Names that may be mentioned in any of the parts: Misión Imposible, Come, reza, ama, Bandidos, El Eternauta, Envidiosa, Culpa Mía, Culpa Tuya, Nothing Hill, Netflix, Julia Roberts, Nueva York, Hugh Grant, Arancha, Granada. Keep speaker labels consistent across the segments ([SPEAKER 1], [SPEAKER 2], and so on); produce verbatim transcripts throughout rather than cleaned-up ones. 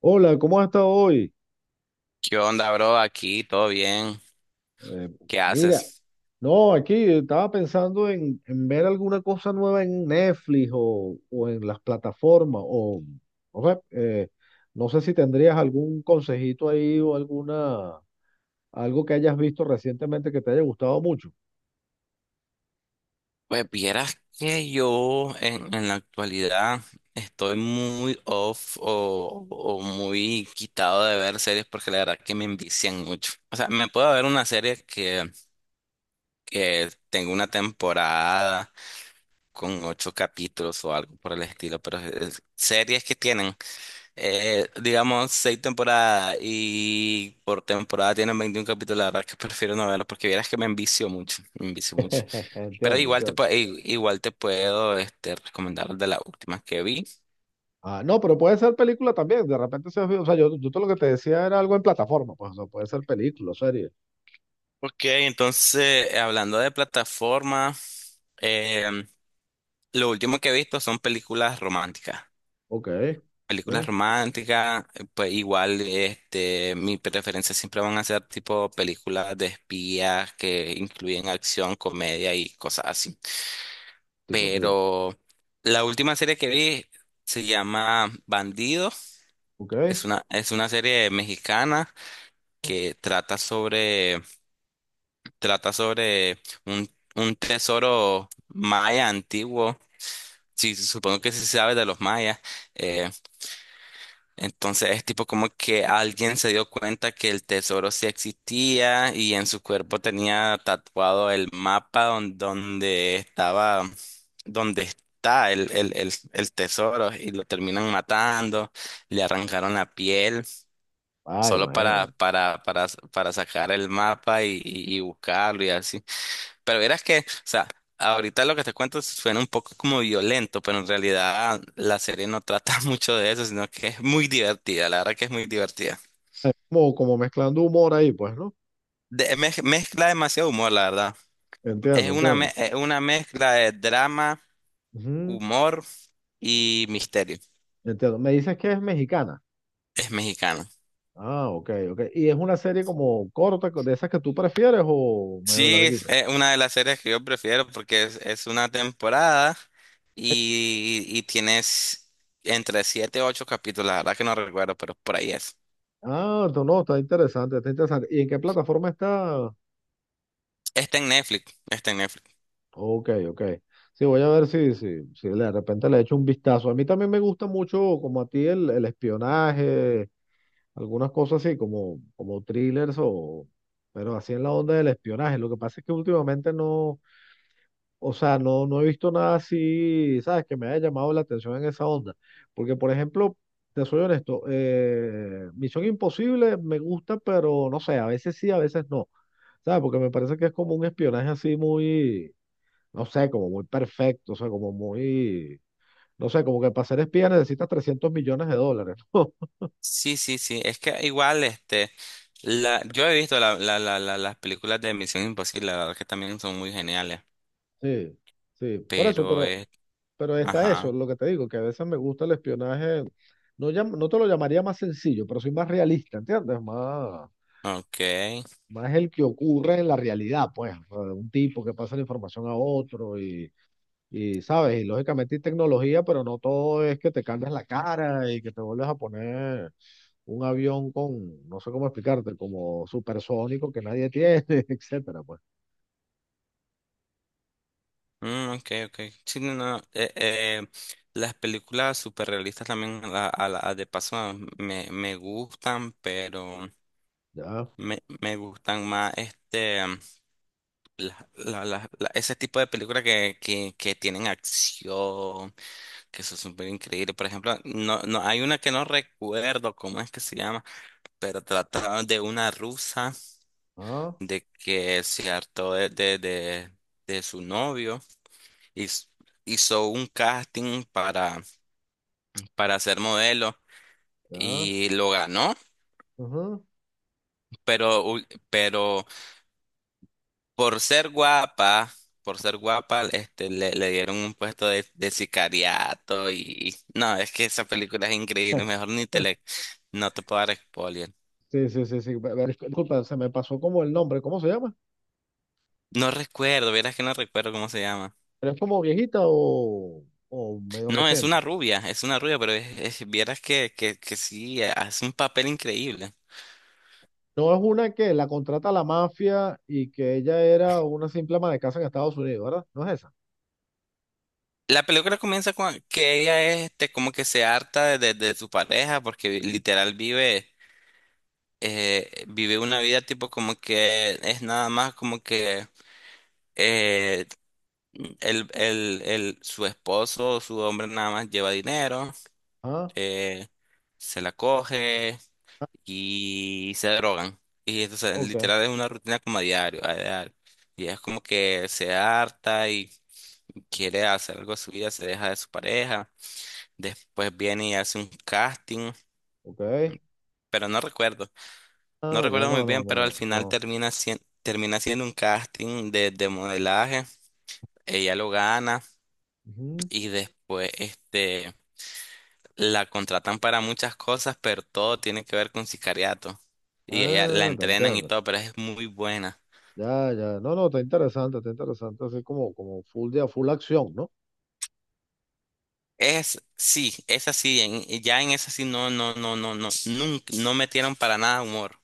[SPEAKER 1] Hola, ¿cómo has estado hoy?
[SPEAKER 2] ¿Qué onda, bro? Aquí, todo bien.
[SPEAKER 1] Eh,
[SPEAKER 2] ¿Qué
[SPEAKER 1] Mira,
[SPEAKER 2] haces?
[SPEAKER 1] no, aquí estaba pensando en, en ver alguna cosa nueva en Netflix o, o en las plataformas, o, ¿no? sea, eh, no sé si tendrías algún consejito ahí o alguna, algo que hayas visto recientemente que te haya gustado mucho.
[SPEAKER 2] Pues vieras que yo en, en la actualidad estoy muy off o, o muy quitado de ver series porque la verdad que me envician mucho. O sea, me puedo ver una serie que, que tengo una temporada con ocho capítulos o algo por el estilo, pero es- es- series que tienen, Eh, digamos, seis temporadas y por temporada tienen veintiún capítulos. La verdad que prefiero no verlos porque vieras que me envicio mucho, me envicio mucho. Pero
[SPEAKER 1] Entiendo,
[SPEAKER 2] igual te,
[SPEAKER 1] entiendo.
[SPEAKER 2] pu- i- igual te puedo este, recomendar de las últimas que vi.
[SPEAKER 1] Ah, no, pero puede ser película también, de repente se, o sea, yo, yo todo lo que te decía era algo en plataforma, pues, o sea, puede ser película, serie.
[SPEAKER 2] Ok, entonces, eh, hablando de plataforma, em, lo último que he visto son películas románticas.
[SPEAKER 1] Ok, eh,
[SPEAKER 2] Películas románticas, eh, pues igual este, mi preferencia siempre van a ser tipo películas de espías que incluyen acción, comedia y cosas así.
[SPEAKER 1] tico, sí,
[SPEAKER 2] Pero la última serie que vi se llama Bandidos.
[SPEAKER 1] ok.
[SPEAKER 2] Es una, es una serie mexicana que trata sobre, trata sobre un, un tesoro maya antiguo. Sí, supongo que sí sabes de los mayas. eh, Entonces es tipo como que alguien se dio cuenta que el tesoro sí existía y en su cuerpo tenía tatuado el mapa don- donde estaba, donde está el, el, el, el tesoro y lo terminan matando, le arrancaron la piel
[SPEAKER 1] Ay,
[SPEAKER 2] solo para,
[SPEAKER 1] imagínate.
[SPEAKER 2] para, para, para sacar el mapa y, y y buscarlo y así. Pero verás que, o sea, ahorita lo que te cuento suena un poco como violento, pero en realidad la serie no trata mucho de eso, sino que es muy divertida, la verdad que es muy divertida.
[SPEAKER 1] Como, como mezclando humor ahí, pues, ¿no?
[SPEAKER 2] De- mez- mezcla demasiado humor, la verdad. Es
[SPEAKER 1] Entiendo,
[SPEAKER 2] una,
[SPEAKER 1] entiendo.
[SPEAKER 2] me- es una mezcla de drama,
[SPEAKER 1] Ujú,
[SPEAKER 2] humor y misterio.
[SPEAKER 1] entiendo. Me dices que es mexicana.
[SPEAKER 2] Es mexicano.
[SPEAKER 1] Ah, ok, ok. ¿Y es una serie como corta, co- de esas que tú prefieres o medio
[SPEAKER 2] Sí, es
[SPEAKER 1] larguita?
[SPEAKER 2] eh, una de las series que yo prefiero porque es, es una temporada y, y tienes entre siete y ocho capítulos, la verdad que no recuerdo, pero por ahí es.
[SPEAKER 1] Ah, no, no, está interesante, está interesante. ¿Y en qué plataforma está?
[SPEAKER 2] Está en Netflix, está en Netflix.
[SPEAKER 1] Ok, ok. Sí, voy a ver si, si, si de repente le echo un vistazo. A mí también me gusta mucho, como a ti, el, el espionaje, algunas cosas así, como, como thrillers o, pero así en la onda del espionaje. Lo que pasa es que últimamente no. O sea, no, no he visto nada así, ¿sabes? Que me haya llamado la atención en esa onda. Porque, por ejemplo, te soy honesto, eh, Misión Imposible me gusta, pero no sé, a veces sí, a veces no. ¿Sabes? Porque me parece que es como un espionaje así muy, no sé, como muy perfecto, o sea, como muy, no sé, como que para ser espía necesitas trescientos millones de dólares, ¿no?
[SPEAKER 2] Sí, sí, sí. Es que igual, este, la, yo he visto la, la, la, la- las películas de Misión Imposible, la verdad que también son muy geniales.
[SPEAKER 1] Sí, sí, por eso,
[SPEAKER 2] Pero,
[SPEAKER 1] pero
[SPEAKER 2] es
[SPEAKER 1] Pero está eso,
[SPEAKER 2] Ajá,
[SPEAKER 1] lo que te digo, que a veces me gusta el espionaje, no, llam- no te lo llamaría más sencillo, pero soy más realista, ¿entiendes? Más,
[SPEAKER 2] ok.
[SPEAKER 1] más el que ocurre en la realidad, pues, o sea, un tipo que pasa la información a otro y, y, ¿sabes? Y lógicamente hay tecnología, pero no todo es que te cambias la cara y que te vuelves a poner un avión con, no sé cómo explicarte, como supersónico que nadie tiene, etcétera, pues,
[SPEAKER 2] Mm, ok, ok. Sí, no, no. Eh, eh, las películas superrealistas también, a, a la- de paso, me, me gustan, pero
[SPEAKER 1] ya,
[SPEAKER 2] me, me gustan más, este, la, la, la- la- ese tipo de películas que, que, que tienen acción. Que eso es súper increíble. Por ejemplo, no, no, hay una que no recuerdo cómo es que se llama, pero trataba de una rusa
[SPEAKER 1] ah,
[SPEAKER 2] de que se hartó de, de, de, de su novio y s- hizo un casting para, para ser modelo
[SPEAKER 1] ya,
[SPEAKER 2] y lo ganó,
[SPEAKER 1] ujú.
[SPEAKER 2] pero, ul- pero por ser guapa, por ser guapa, este, le, le dieron un puesto de, de sicariato y no, es que esa película es increíble, mejor ni te le, no te puedo dar spoiler.
[SPEAKER 1] Sí, sí, sí, sí. Ve- ve- Disculpa, se me pasó como el nombre. ¿Cómo se llama?
[SPEAKER 2] No recuerdo, vieras que no recuerdo cómo se llama.
[SPEAKER 1] ¿Pero es como viejita o, o medio
[SPEAKER 2] No, es
[SPEAKER 1] reciente?
[SPEAKER 2] una rubia, es una rubia, pero es, es- vieras que, que, que sí, hace un papel increíble.
[SPEAKER 1] No es una que la contrata la mafia y que ella era una simple ama de casa en Estados Unidos, ¿verdad? ¿No es esa?
[SPEAKER 2] La película comienza con que ella este, como que se harta de, de su pareja porque vi- literal vive, eh, vive una vida tipo como que es nada más como que eh, el, el, el, su esposo, su hombre nada más lleva dinero,
[SPEAKER 1] Ah,
[SPEAKER 2] eh, se la coge y se drogan. Y entonces,
[SPEAKER 1] ok,
[SPEAKER 2] literal, es una rutina como a diario, a diario. Y es como que se harta y quiere hacer algo de su vida, se deja de su pareja. Después viene y hace un casting,
[SPEAKER 1] ok.
[SPEAKER 2] pero no recuerdo, no
[SPEAKER 1] Ah, ya
[SPEAKER 2] recuerdo muy
[SPEAKER 1] no, no,
[SPEAKER 2] bien, pero
[SPEAKER 1] ma-
[SPEAKER 2] al final
[SPEAKER 1] no.
[SPEAKER 2] termina siendo, termina siendo un casting de, de modelaje. Ella lo gana
[SPEAKER 1] Ujú.
[SPEAKER 2] y después, este, la contratan para muchas cosas, pero todo tiene que ver con sicariato. Y ella la
[SPEAKER 1] Ah, te
[SPEAKER 2] entrenan y
[SPEAKER 1] entiendo.
[SPEAKER 2] todo, pero es muy buena.
[SPEAKER 1] Ya, ya. No, no, está interesante, está interesante. Así como, como full de full acción, ¿no?
[SPEAKER 2] Es, sí, es así, en, ya en esa sí no, no, no, no, no, nunca, no metieron para nada humor,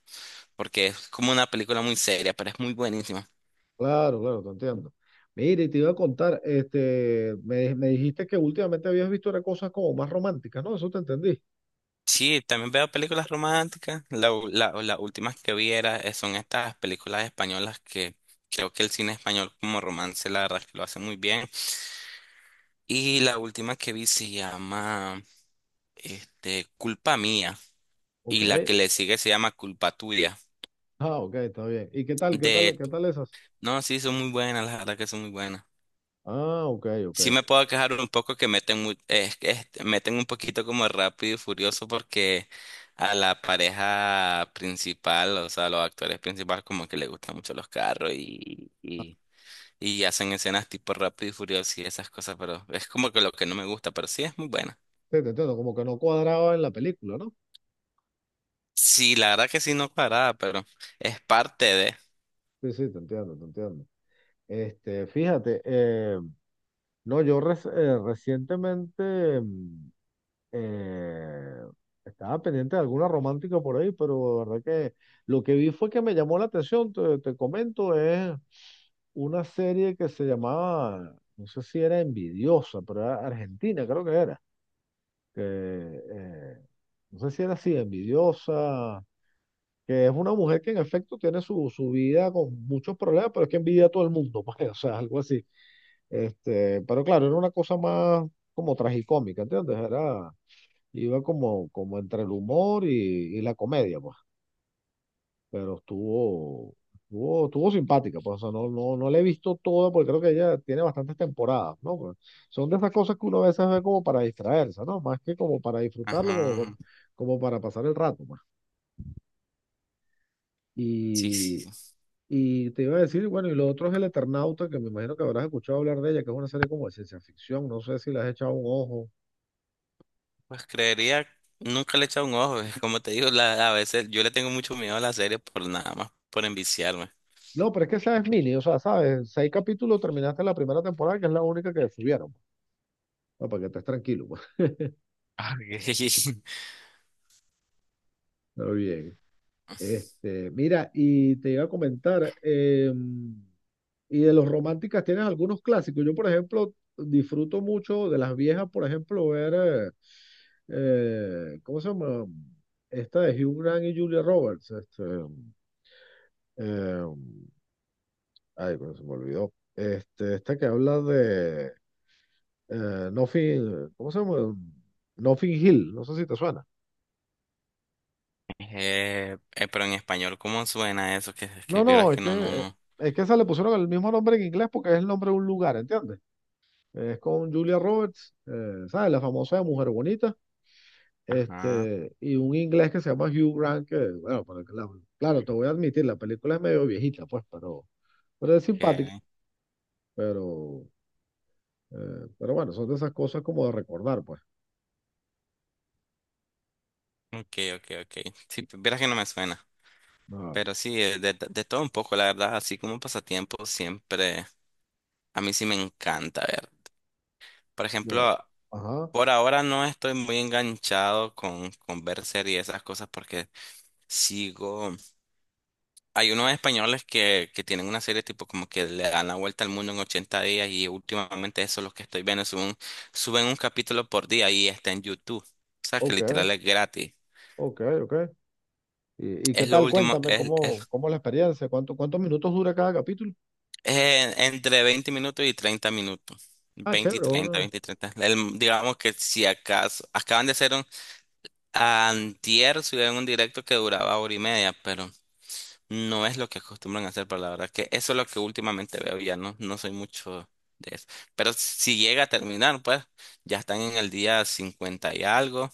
[SPEAKER 2] porque es como una película muy seria, pero es muy buenísima.
[SPEAKER 1] Claro, claro, te entiendo. Mire, y te iba a contar, este, me, me dijiste que últimamente habías visto era cosas como más románticas, ¿no? Eso te entendí.
[SPEAKER 2] Sí, también veo películas románticas, la, u- la, las últimas que vi era, eh, son estas películas españolas que creo que el cine español como romance la verdad es que lo hace muy bien. Y la última que vi se llama, este, Culpa Mía,
[SPEAKER 1] Ok.
[SPEAKER 2] y la que le sigue se llama Culpa Tuya.
[SPEAKER 1] Ah, ok, está bien. ¿Y qué tal, qué tal,
[SPEAKER 2] De,
[SPEAKER 1] qué tal esas?
[SPEAKER 2] no, sí, son muy buenas, la verdad que son muy buenas.
[SPEAKER 1] Ah, ok, ok.
[SPEAKER 2] Sí me puedo quejar un poco que meten, mu- es- es- meten un poquito como rápido y furioso porque a la pareja principal, o sea, a los actores principales como que les gustan mucho los carros y, y, y hacen escenas tipo rápido y furioso y esas cosas, pero es como que lo que no me gusta, pero sí es muy buena.
[SPEAKER 1] Sí, te entiendo, como que no cuadraba en la película, ¿no?
[SPEAKER 2] Sí, la verdad que sí no cuadrada, pero es parte de...
[SPEAKER 1] Sí, sí, te entiendo, te entiendo. Este, fíjate, eh, no, yo res- eh, recientemente. mm, Eh, Estaba pendiente de alguna romántica por ahí, pero la verdad que lo que vi fue que me llamó la atención, te, te comento, es una serie que se llamaba, no sé si era Envidiosa, pero era Argentina, creo que era, que, eh, no sé si era así, Envidiosa, que es una mujer que en efecto tiene su, su vida con muchos problemas, pero es que envidia a todo el mundo, pues, o sea, algo así. Este, pero claro, era una cosa más como tragicómica, ¿entiendes? Era iba como, como entre el humor y, y la comedia, pues. Pero estuvo, estuvo, estuvo simpática, pues. O sea, no, no, no la he visto toda porque creo que ella tiene bastantes temporadas, ¿no? Pero son de esas cosas que uno a veces ve como para distraerse, ¿no? Más que como para disfrutarlo, como,
[SPEAKER 2] Ajá,
[SPEAKER 1] como para pasar el rato, pues.
[SPEAKER 2] sí, sí,
[SPEAKER 1] Y,
[SPEAKER 2] sí.
[SPEAKER 1] y te iba a decir, bueno, y lo otro es El Eternauta, que me imagino que habrás escuchado hablar de ella, que es una serie como de ciencia ficción, no sé si le has echado un ojo.
[SPEAKER 2] Pues creería, nunca le he echado un ojo, es como te digo, la, a veces yo le tengo mucho miedo a la serie por nada más, por enviciarme.
[SPEAKER 1] No, pero es que esa es mini, o sea, sabes, seis capítulos terminaste la primera temporada, que es la única que subieron, pues. No, para que estés tranquilo, pues.
[SPEAKER 2] Ah, ok.
[SPEAKER 1] Está bien. Este, mira, y te iba a comentar, eh, y de los románticas tienes algunos clásicos. Yo, por ejemplo, disfruto mucho de las viejas, por ejemplo, ver, eh, eh, ¿cómo se llama? Esta de Hugh Grant y Julia Roberts. Este, eh, ay, pero se me olvidó. Este, esta que habla de eh, Nothing, ¿cómo se llama? Nothing Hill, no sé si te suena.
[SPEAKER 2] Eh, eh, pero en español, ¿cómo suena eso? Que, que
[SPEAKER 1] No,
[SPEAKER 2] vieras
[SPEAKER 1] no, es
[SPEAKER 2] que
[SPEAKER 1] que,
[SPEAKER 2] no, no,
[SPEAKER 1] eh,
[SPEAKER 2] no.
[SPEAKER 1] es que se le pusieron el mismo nombre en inglés porque es el nombre de un lugar, ¿entiendes? Es con Julia Roberts, eh, ¿sabes? La famosa Mujer Bonita,
[SPEAKER 2] Ajá.
[SPEAKER 1] este, y un inglés que se llama Hugh Grant, que, bueno, para que la- claro, te voy a admitir, la película es medio viejita, pues, pero, pero es simpática,
[SPEAKER 2] Ok,
[SPEAKER 1] pero, eh, pero bueno, son de esas cosas como de recordar, pues.
[SPEAKER 2] ok, ok. Ok. Sí, pues, vieras que no me suena.
[SPEAKER 1] Ah,
[SPEAKER 2] Pero sí, eh, de, de todo un poco, la verdad, así como pasatiempo, siempre a mí sí me encanta ver. Por
[SPEAKER 1] ya.
[SPEAKER 2] ejemplo,
[SPEAKER 1] Ajá,
[SPEAKER 2] por ahora no estoy muy enganchado con, con ver series y esas cosas porque sigo. Hay unos españoles que, que tienen una serie tipo como que le dan la vuelta al mundo en ochenta días y últimamente eso es lo que estoy viendo. Suben, suben un capítulo por día y está en YouTube. O sea que
[SPEAKER 1] ok,
[SPEAKER 2] literal es gratis.
[SPEAKER 1] ok, ok. ¿Y, y qué
[SPEAKER 2] Es lo
[SPEAKER 1] tal?
[SPEAKER 2] último,
[SPEAKER 1] Cuéntame,
[SPEAKER 2] es,
[SPEAKER 1] ¿cómo,
[SPEAKER 2] es,
[SPEAKER 1] cómo la experiencia? ¿Cuánto, cuántos minutos dura cada capítulo?
[SPEAKER 2] es entre veinte minutos y treinta minutos.
[SPEAKER 1] Ah,
[SPEAKER 2] Veinte y
[SPEAKER 1] chévere,
[SPEAKER 2] treinta,
[SPEAKER 1] bueno.
[SPEAKER 2] veinte y treinta. El- digamos que si acaso, acaban de hacer un, antier subieron un directo que duraba hora y media, pero no es lo que acostumbran a hacer, pero la verdad que eso es lo que últimamente veo, ya no, no soy mucho de eso. Pero si llega a terminar, pues ya están en el día cincuenta y algo,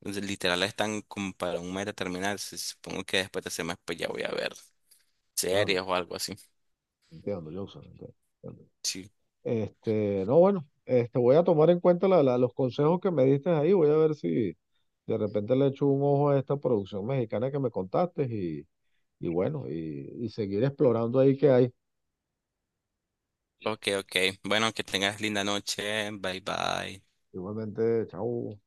[SPEAKER 2] entonces, literal están como para un mes de terminar, si- supongo que después de ese mes pues ya voy a ver
[SPEAKER 1] Claro.
[SPEAKER 2] series o algo así.
[SPEAKER 1] Entiendo, Johnson. Entiendo, entiendo.
[SPEAKER 2] Sí.
[SPEAKER 1] Este, no, bueno, este, voy a tomar en cuenta la- la- los consejos que me diste ahí. Voy a ver si de repente le echo un ojo a esta producción mexicana que me contaste y, y bueno, y, y seguir explorando ahí que hay.
[SPEAKER 2] Ok, ok. Bueno, que tengas linda noche, bye bye.
[SPEAKER 1] Igualmente, chao.